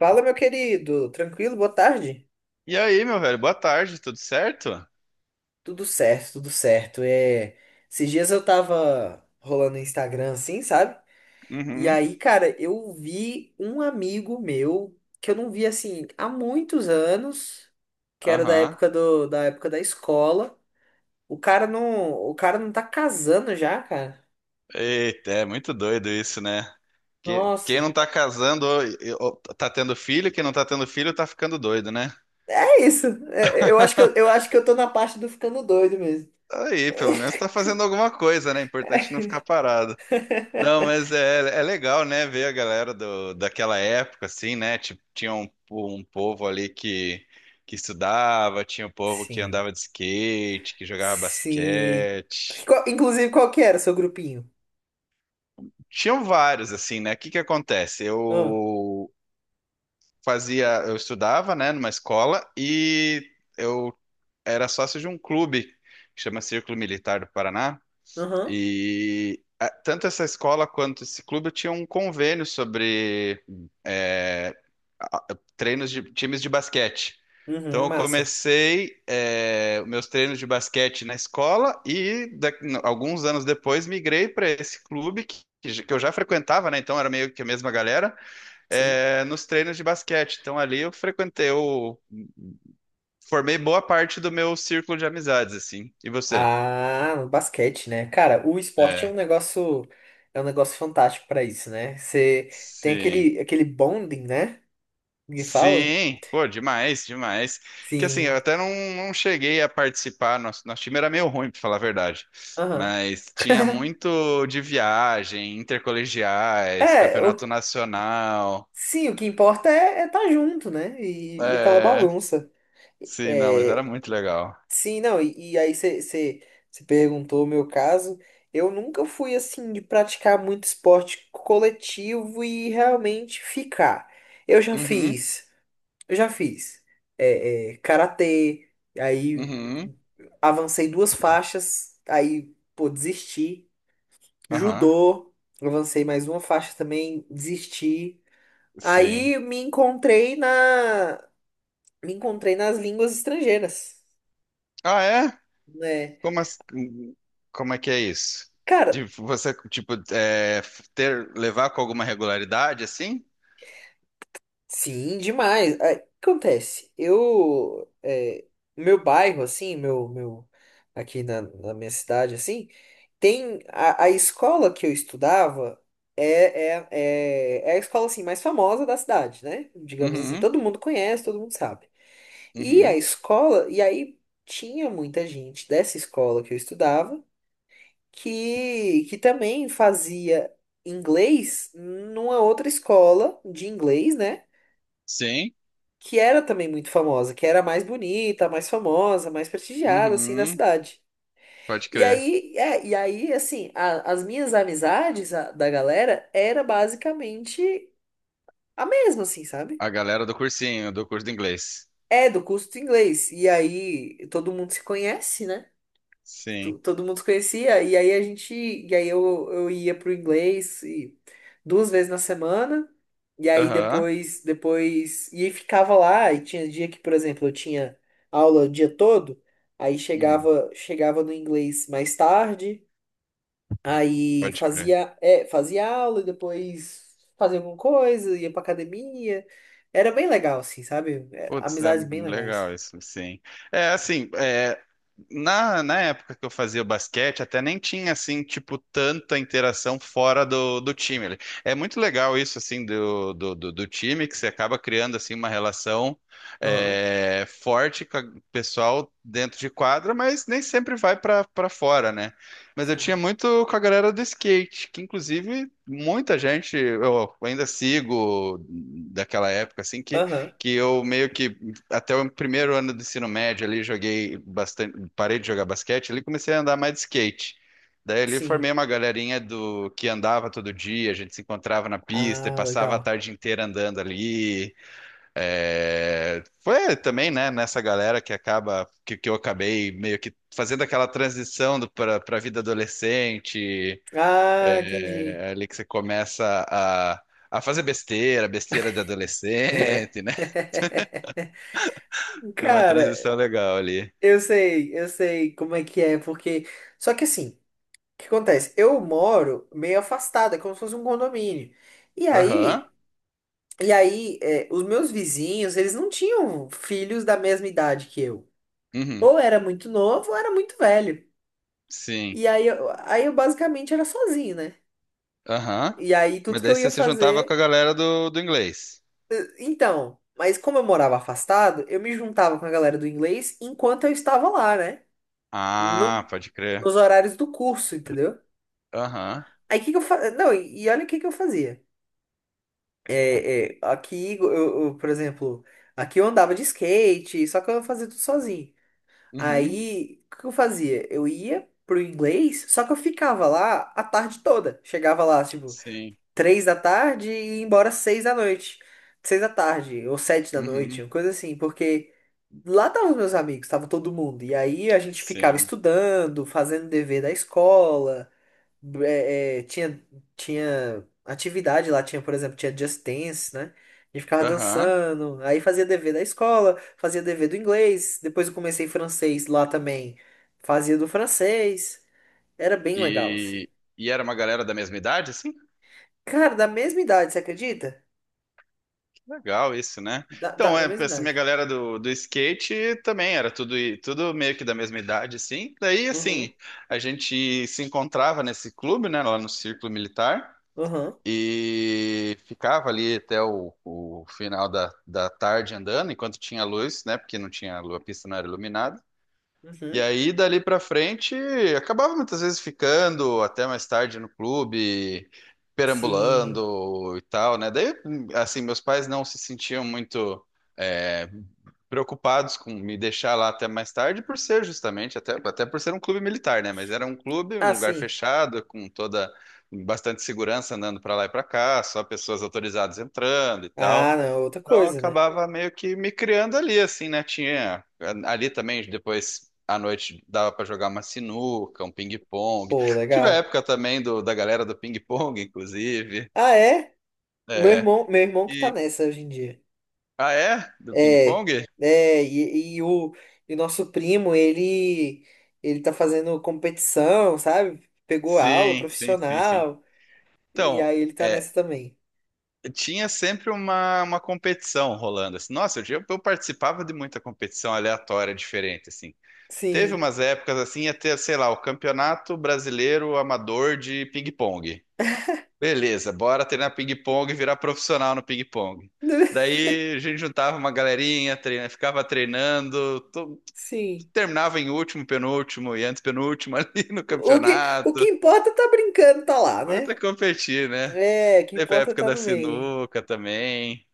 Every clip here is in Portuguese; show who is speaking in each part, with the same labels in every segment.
Speaker 1: Fala, meu querido. Tranquilo? Boa tarde.
Speaker 2: E aí, meu velho, boa tarde, tudo certo?
Speaker 1: Tudo certo, tudo certo. Esses dias eu tava rolando no Instagram assim, sabe? E
Speaker 2: Uhum.
Speaker 1: aí, cara, eu vi um amigo meu que eu não vi assim há muitos anos, que era
Speaker 2: Aham.
Speaker 1: da época da escola. O cara não tá casando já, cara.
Speaker 2: Eita, é muito doido isso, né? Quem
Speaker 1: Nossa.
Speaker 2: não tá casando ou tá tendo filho, quem não tá tendo filho tá ficando doido, né?
Speaker 1: É isso. Eu acho que eu acho que eu tô na parte do ficando doido mesmo.
Speaker 2: Aí, pelo menos tá fazendo alguma coisa, né? Importante não ficar parado. Não, mas é legal, né, ver a galera daquela época, assim, né? Tipo, tinha um povo ali que estudava, tinha um povo que
Speaker 1: Sim.
Speaker 2: andava de skate, que jogava
Speaker 1: Se...
Speaker 2: basquete.
Speaker 1: Inclusive, qual que era o seu grupinho?
Speaker 2: Tinham vários, assim, né? O que que acontece?
Speaker 1: Ah,
Speaker 2: Eu fazia, eu estudava, né, numa escola e eu era sócio de um clube que chama Círculo Militar do Paraná.
Speaker 1: aham.
Speaker 2: E tanto essa escola quanto esse clube tinham um convênio sobre eh, a- treinos de times de basquete.
Speaker 1: Uhum,
Speaker 2: Então eu
Speaker 1: massa.
Speaker 2: comecei meus treinos de basquete na escola e alguns anos depois migrei para esse clube que que eu já frequentava, né? Então era meio que a mesma galera
Speaker 1: Sim.
Speaker 2: nos treinos de basquete. Então ali eu frequentei, eu formei boa parte do meu círculo de amizades, assim. E você?
Speaker 1: Ah, no basquete, né? Cara, o esporte
Speaker 2: É,
Speaker 1: é um negócio fantástico pra isso, né? Você tem
Speaker 2: sim.
Speaker 1: aquele bonding, né? Que fala?
Speaker 2: Sim, pô, demais, demais. Que assim, eu
Speaker 1: Sim.
Speaker 2: até não cheguei a participar, nosso time era meio ruim, pra falar a verdade.
Speaker 1: Aham.
Speaker 2: Mas tinha muito de viagem, intercolegiais,
Speaker 1: É,
Speaker 2: campeonato
Speaker 1: o-
Speaker 2: nacional.
Speaker 1: sim, o que importa é estar junto, né? E aquela
Speaker 2: É,
Speaker 1: bagunça.
Speaker 2: sim, não, mas era
Speaker 1: É,
Speaker 2: muito legal.
Speaker 1: sim, não, e aí você perguntou o meu caso. Eu nunca fui assim de praticar muito esporte coletivo e realmente ficar. Eu já
Speaker 2: Uhum,
Speaker 1: fiz, eu já fiz karatê, aí
Speaker 2: uhum,
Speaker 1: avancei duas faixas, aí pô, desisti.
Speaker 2: aham,
Speaker 1: Judô, avancei mais uma faixa também, desisti.
Speaker 2: sim.
Speaker 1: Aí me encontrei na, me encontrei nas línguas estrangeiras,
Speaker 2: Ah, é?
Speaker 1: né?
Speaker 2: Como, como é que é isso? De
Speaker 1: Cara,
Speaker 2: você, tipo, ter, levar com alguma regularidade, assim?
Speaker 1: sim, demais. Aí, o que acontece? Meu bairro, assim, aqui na minha cidade, assim, tem a escola que eu estudava é, é a escola, assim, mais famosa da cidade, né? Digamos assim,
Speaker 2: Uhum,
Speaker 1: todo mundo conhece, todo mundo sabe. E a
Speaker 2: uhum.
Speaker 1: escola, e aí tinha muita gente dessa escola que eu estudava que também fazia inglês numa outra escola de inglês, né?
Speaker 2: Sim.
Speaker 1: Que era também muito famosa, que era a mais bonita, a mais famosa, a mais prestigiada, assim, da
Speaker 2: Uhum,
Speaker 1: cidade.
Speaker 2: pode crer.
Speaker 1: E aí, assim, as minhas amizades da galera era basicamente a mesma, assim, sabe?
Speaker 2: A galera do cursinho, do curso de inglês.
Speaker 1: É do curso de inglês. E aí, todo mundo se conhece, né?
Speaker 2: Sim.
Speaker 1: Todo mundo se conhecia, e aí a gente, e aí eu ia pro inglês e, duas vezes na semana, e aí
Speaker 2: Aham.
Speaker 1: depois, e aí ficava lá, e tinha dia que, por exemplo, eu tinha aula o dia todo, aí
Speaker 2: Uhum,
Speaker 1: chegava no inglês mais tarde, aí
Speaker 2: pode crer.
Speaker 1: fazia aula, e depois fazia alguma coisa, ia pra academia, era bem legal, assim, sabe? É,
Speaker 2: Putz, é
Speaker 1: amizades bem legais.
Speaker 2: legal isso, sim. Assim, na época que eu fazia basquete, até nem tinha, assim, tipo, tanta interação fora do time ali. É muito legal isso, assim, do time, que você acaba criando, assim, uma relação
Speaker 1: Aham,
Speaker 2: forte com o pessoal dentro de quadra, mas nem sempre vai para fora, né? Mas eu tinha
Speaker 1: sim.
Speaker 2: muito com a galera do skate, que, inclusive, muita gente, eu ainda sigo daquela época, assim,
Speaker 1: Aham,
Speaker 2: que eu meio que até o primeiro ano do ensino médio ali joguei bastante, parei de jogar basquete ali, comecei a andar mais de skate. Daí ali formei
Speaker 1: sim.
Speaker 2: uma galerinha do que andava todo dia, a gente se encontrava na pista e
Speaker 1: Ah,
Speaker 2: passava a
Speaker 1: legal.
Speaker 2: tarde inteira andando ali. É, foi também, né, nessa galera que acaba que eu acabei meio que fazendo aquela transição para a vida adolescente,
Speaker 1: Ah, entendi.
Speaker 2: ali que você começa a fazer besteira, besteira de adolescente, né? Foi uma
Speaker 1: Cara,
Speaker 2: transição legal ali.
Speaker 1: eu sei como é que é, porque. Só que assim, o que acontece? Eu moro meio afastado, é como se fosse um condomínio. E
Speaker 2: Aham.
Speaker 1: aí, e aí, é, os meus vizinhos, eles não tinham filhos da mesma idade que eu.
Speaker 2: Uhum.
Speaker 1: Ou era muito novo, ou era muito velho.
Speaker 2: Sim.
Speaker 1: E aí, aí eu basicamente era sozinho, né?
Speaker 2: Aham.
Speaker 1: E aí,
Speaker 2: Mas
Speaker 1: tudo que
Speaker 2: daí
Speaker 1: eu ia
Speaker 2: você se juntava com
Speaker 1: fazer.
Speaker 2: a galera do inglês.
Speaker 1: Então, mas como eu morava afastado, eu me juntava com a galera do inglês enquanto eu estava lá, né?
Speaker 2: Ah,
Speaker 1: No
Speaker 2: pode crer.
Speaker 1: Nos horários do curso, entendeu?
Speaker 2: Aham.
Speaker 1: Aí o que que eu fa... Não, e olha o que que eu fazia. É, é, aqui, eu, eu, por exemplo, aqui eu andava de skate, só que eu fazia tudo sozinho.
Speaker 2: Uhum.
Speaker 1: Aí, o que que eu fazia? Eu ia pro inglês, só que eu ficava lá a tarde toda. Chegava lá, tipo,
Speaker 2: Sim.
Speaker 1: três da tarde e ia embora seis da noite. Seis da tarde, ou sete da noite,
Speaker 2: Uhum.
Speaker 1: uma coisa assim, porque lá estavam os meus amigos, tava todo mundo. E aí a gente ficava
Speaker 2: Sim.
Speaker 1: estudando, fazendo dever da escola. é, é, tinha, Tinha atividade lá, tinha, por exemplo, tinha Just Dance, né? A gente ficava
Speaker 2: Aham.
Speaker 1: dançando, aí fazia dever da escola, fazia dever do inglês, depois eu comecei francês lá também, fazia do francês, era bem legal, assim.
Speaker 2: E, e era uma galera da mesma idade, assim?
Speaker 1: Cara, da mesma idade, você acredita?
Speaker 2: Que legal isso, né? Então,
Speaker 1: Da
Speaker 2: é,
Speaker 1: mesma
Speaker 2: essa minha
Speaker 1: idade.
Speaker 2: galera do skate também era tudo, tudo meio que da mesma idade, assim. Daí,
Speaker 1: Uhum,
Speaker 2: assim, a gente se encontrava nesse clube, né, lá no Círculo Militar,
Speaker 1: uhum,
Speaker 2: e ficava ali até o final da tarde andando, enquanto tinha luz, né? Porque não tinha, a pista não era iluminada. E
Speaker 1: uhum.
Speaker 2: aí, dali pra frente, acabava muitas vezes ficando até mais tarde no clube,
Speaker 1: Sim.
Speaker 2: perambulando e tal, né? Daí, assim, meus pais não se sentiam muito é, preocupados com me deixar lá até mais tarde, por ser justamente, até por ser um clube militar, né? Mas era um clube, um
Speaker 1: Ah,
Speaker 2: lugar
Speaker 1: sim.
Speaker 2: fechado, com toda, bastante segurança andando pra lá e pra cá, só pessoas autorizadas entrando e
Speaker 1: Ah,
Speaker 2: tal.
Speaker 1: não, é outra
Speaker 2: Então eu
Speaker 1: coisa, né?
Speaker 2: acabava meio que me criando ali, assim, né? Tinha ali também, depois à noite dava pra jogar uma sinuca, um ping-pong.
Speaker 1: Pô,
Speaker 2: Tive a
Speaker 1: legal.
Speaker 2: época também da galera do ping-pong, inclusive.
Speaker 1: Ah, é?
Speaker 2: É.
Speaker 1: Meu irmão que tá
Speaker 2: E,
Speaker 1: nessa hoje em dia.
Speaker 2: ah, é? Do
Speaker 1: É,
Speaker 2: ping-pong?
Speaker 1: é, e, e o, e o nosso primo, ele tá fazendo competição, sabe? Pegou aula
Speaker 2: Sim, sim, sim, sim.
Speaker 1: profissional, e
Speaker 2: Então,
Speaker 1: aí ele tá
Speaker 2: é,
Speaker 1: nessa também.
Speaker 2: tinha sempre uma competição rolando. Assim. Nossa, eu participava de muita competição aleatória, diferente, assim. Teve
Speaker 1: Sim,
Speaker 2: umas épocas assim, ia ter, sei lá, o Campeonato Brasileiro Amador de Ping-Pong. Beleza, bora treinar ping-pong e virar profissional no ping-pong. Daí a gente juntava uma galerinha, treina, ficava treinando,
Speaker 1: sim.
Speaker 2: terminava em último, penúltimo e antepenúltimo ali no campeonato.
Speaker 1: O que importa tá brincando, tá lá,
Speaker 2: Importa
Speaker 1: né?
Speaker 2: competir, né?
Speaker 1: É, o que
Speaker 2: Teve a
Speaker 1: importa
Speaker 2: época
Speaker 1: tá
Speaker 2: da
Speaker 1: no meio.
Speaker 2: sinuca também.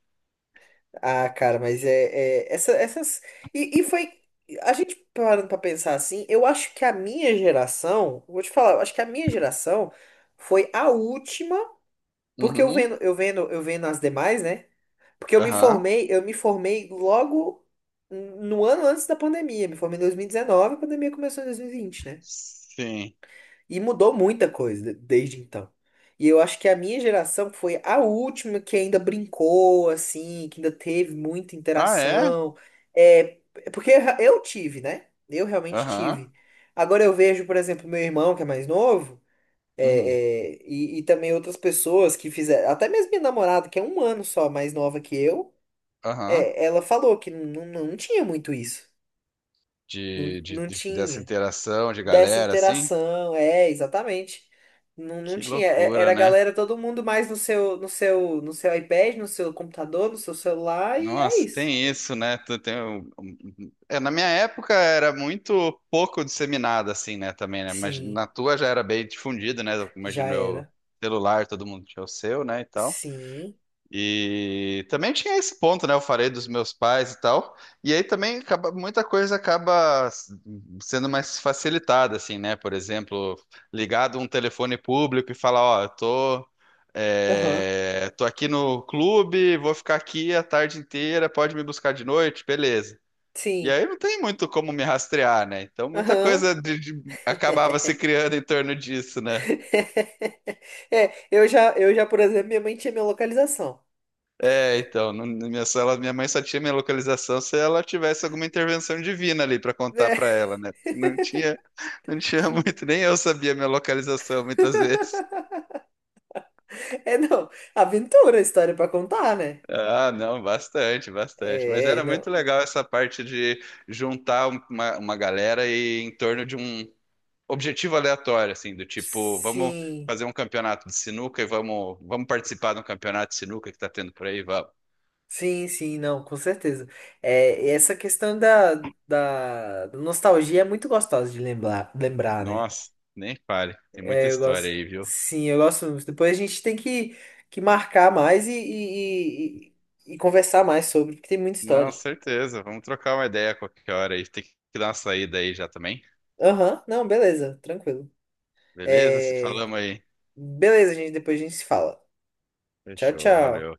Speaker 1: Ah, cara, essas. E foi. A gente parando pra pensar assim, eu acho que a minha geração, vou te falar, eu acho que a minha geração foi a última. Porque
Speaker 2: Uhum.
Speaker 1: eu vendo as demais, né? Porque
Speaker 2: Aham.
Speaker 1: eu me formei logo no ano antes da pandemia. Me formei em 2019, a pandemia começou em 2020, né?
Speaker 2: Sim.
Speaker 1: E mudou muita coisa desde então. E eu acho que a minha geração foi a última que ainda brincou, assim, que ainda teve muita
Speaker 2: Ah, é?
Speaker 1: interação. É, é porque eu tive, né? Eu realmente
Speaker 2: Aham.
Speaker 1: tive. Agora eu vejo, por exemplo, meu irmão, que é mais novo.
Speaker 2: Uhum.
Speaker 1: E também outras pessoas que fizeram, até mesmo minha namorada, que é um ano só mais nova que eu,
Speaker 2: Aham.
Speaker 1: é, ela falou que não, não tinha muito isso. Não, não
Speaker 2: Dessa
Speaker 1: tinha.
Speaker 2: interação de
Speaker 1: Dessa
Speaker 2: galera, assim?
Speaker 1: interação, é, exatamente. Não, não
Speaker 2: Que
Speaker 1: tinha. É-
Speaker 2: loucura,
Speaker 1: Era a
Speaker 2: né?
Speaker 1: galera, todo mundo mais no seu iPad, no seu computador, no seu celular, e é
Speaker 2: Nossa,
Speaker 1: isso.
Speaker 2: tem isso, né? Tu Tem, é, na minha época era muito pouco disseminada, assim, né? Também, né? Mas
Speaker 1: Sim,
Speaker 2: na tua já era bem difundida, né? Eu
Speaker 1: já
Speaker 2: Imagino eu,
Speaker 1: era.
Speaker 2: celular, todo mundo tinha o seu, né? E tal.
Speaker 1: Sim.
Speaker 2: E também tinha esse ponto, né? Eu falei dos meus pais e tal. E aí também acaba, muita coisa acaba sendo mais facilitada, assim, né? Por exemplo, ligado um telefone público e falar, ó,
Speaker 1: Aham.
Speaker 2: tô aqui no clube, vou ficar aqui a tarde inteira, pode me buscar de noite, beleza. E
Speaker 1: Sim.
Speaker 2: aí não tem muito como me rastrear, né? Então muita
Speaker 1: Aham.
Speaker 2: coisa acabava se criando em torno disso, né?
Speaker 1: É, eu já, por exemplo, minha mãe tinha minha localização.
Speaker 2: É, então, na minha sala, minha mãe só tinha minha localização se ela tivesse alguma intervenção divina ali pra contar pra ela, né? Porque não tinha, não tinha muito, nem eu sabia minha localização muitas vezes.
Speaker 1: É, é, não, aventura, história pra contar, né?
Speaker 2: Ah, não, bastante, bastante. Mas
Speaker 1: É,
Speaker 2: era muito
Speaker 1: não.
Speaker 2: legal essa parte de juntar uma galera e em torno de um objetivo aleatório, assim, do tipo, vamos
Speaker 1: Sim,
Speaker 2: fazer um campeonato de sinuca e vamos participar de um campeonato de sinuca que tá tendo por aí, vamos.
Speaker 1: sim, sim, não, com certeza. É, e essa questão da da nostalgia é muito gostosa de lembrar, né?
Speaker 2: Nossa, nem fale, tem muita
Speaker 1: É, eu
Speaker 2: história
Speaker 1: gosto.
Speaker 2: aí, viu?
Speaker 1: Sim, eu gosto muito. Depois a gente tem que marcar mais e conversar mais sobre, porque tem muita
Speaker 2: Não,
Speaker 1: história.
Speaker 2: certeza. Vamos trocar uma ideia a qualquer hora aí. Tem que dar uma saída aí já também.
Speaker 1: Aham, não, beleza, tranquilo.
Speaker 2: Beleza? Se
Speaker 1: É.
Speaker 2: falamos aí.
Speaker 1: Beleza, gente. Depois a gente se fala. Tchau,
Speaker 2: Fechou, valeu.
Speaker 1: tchau.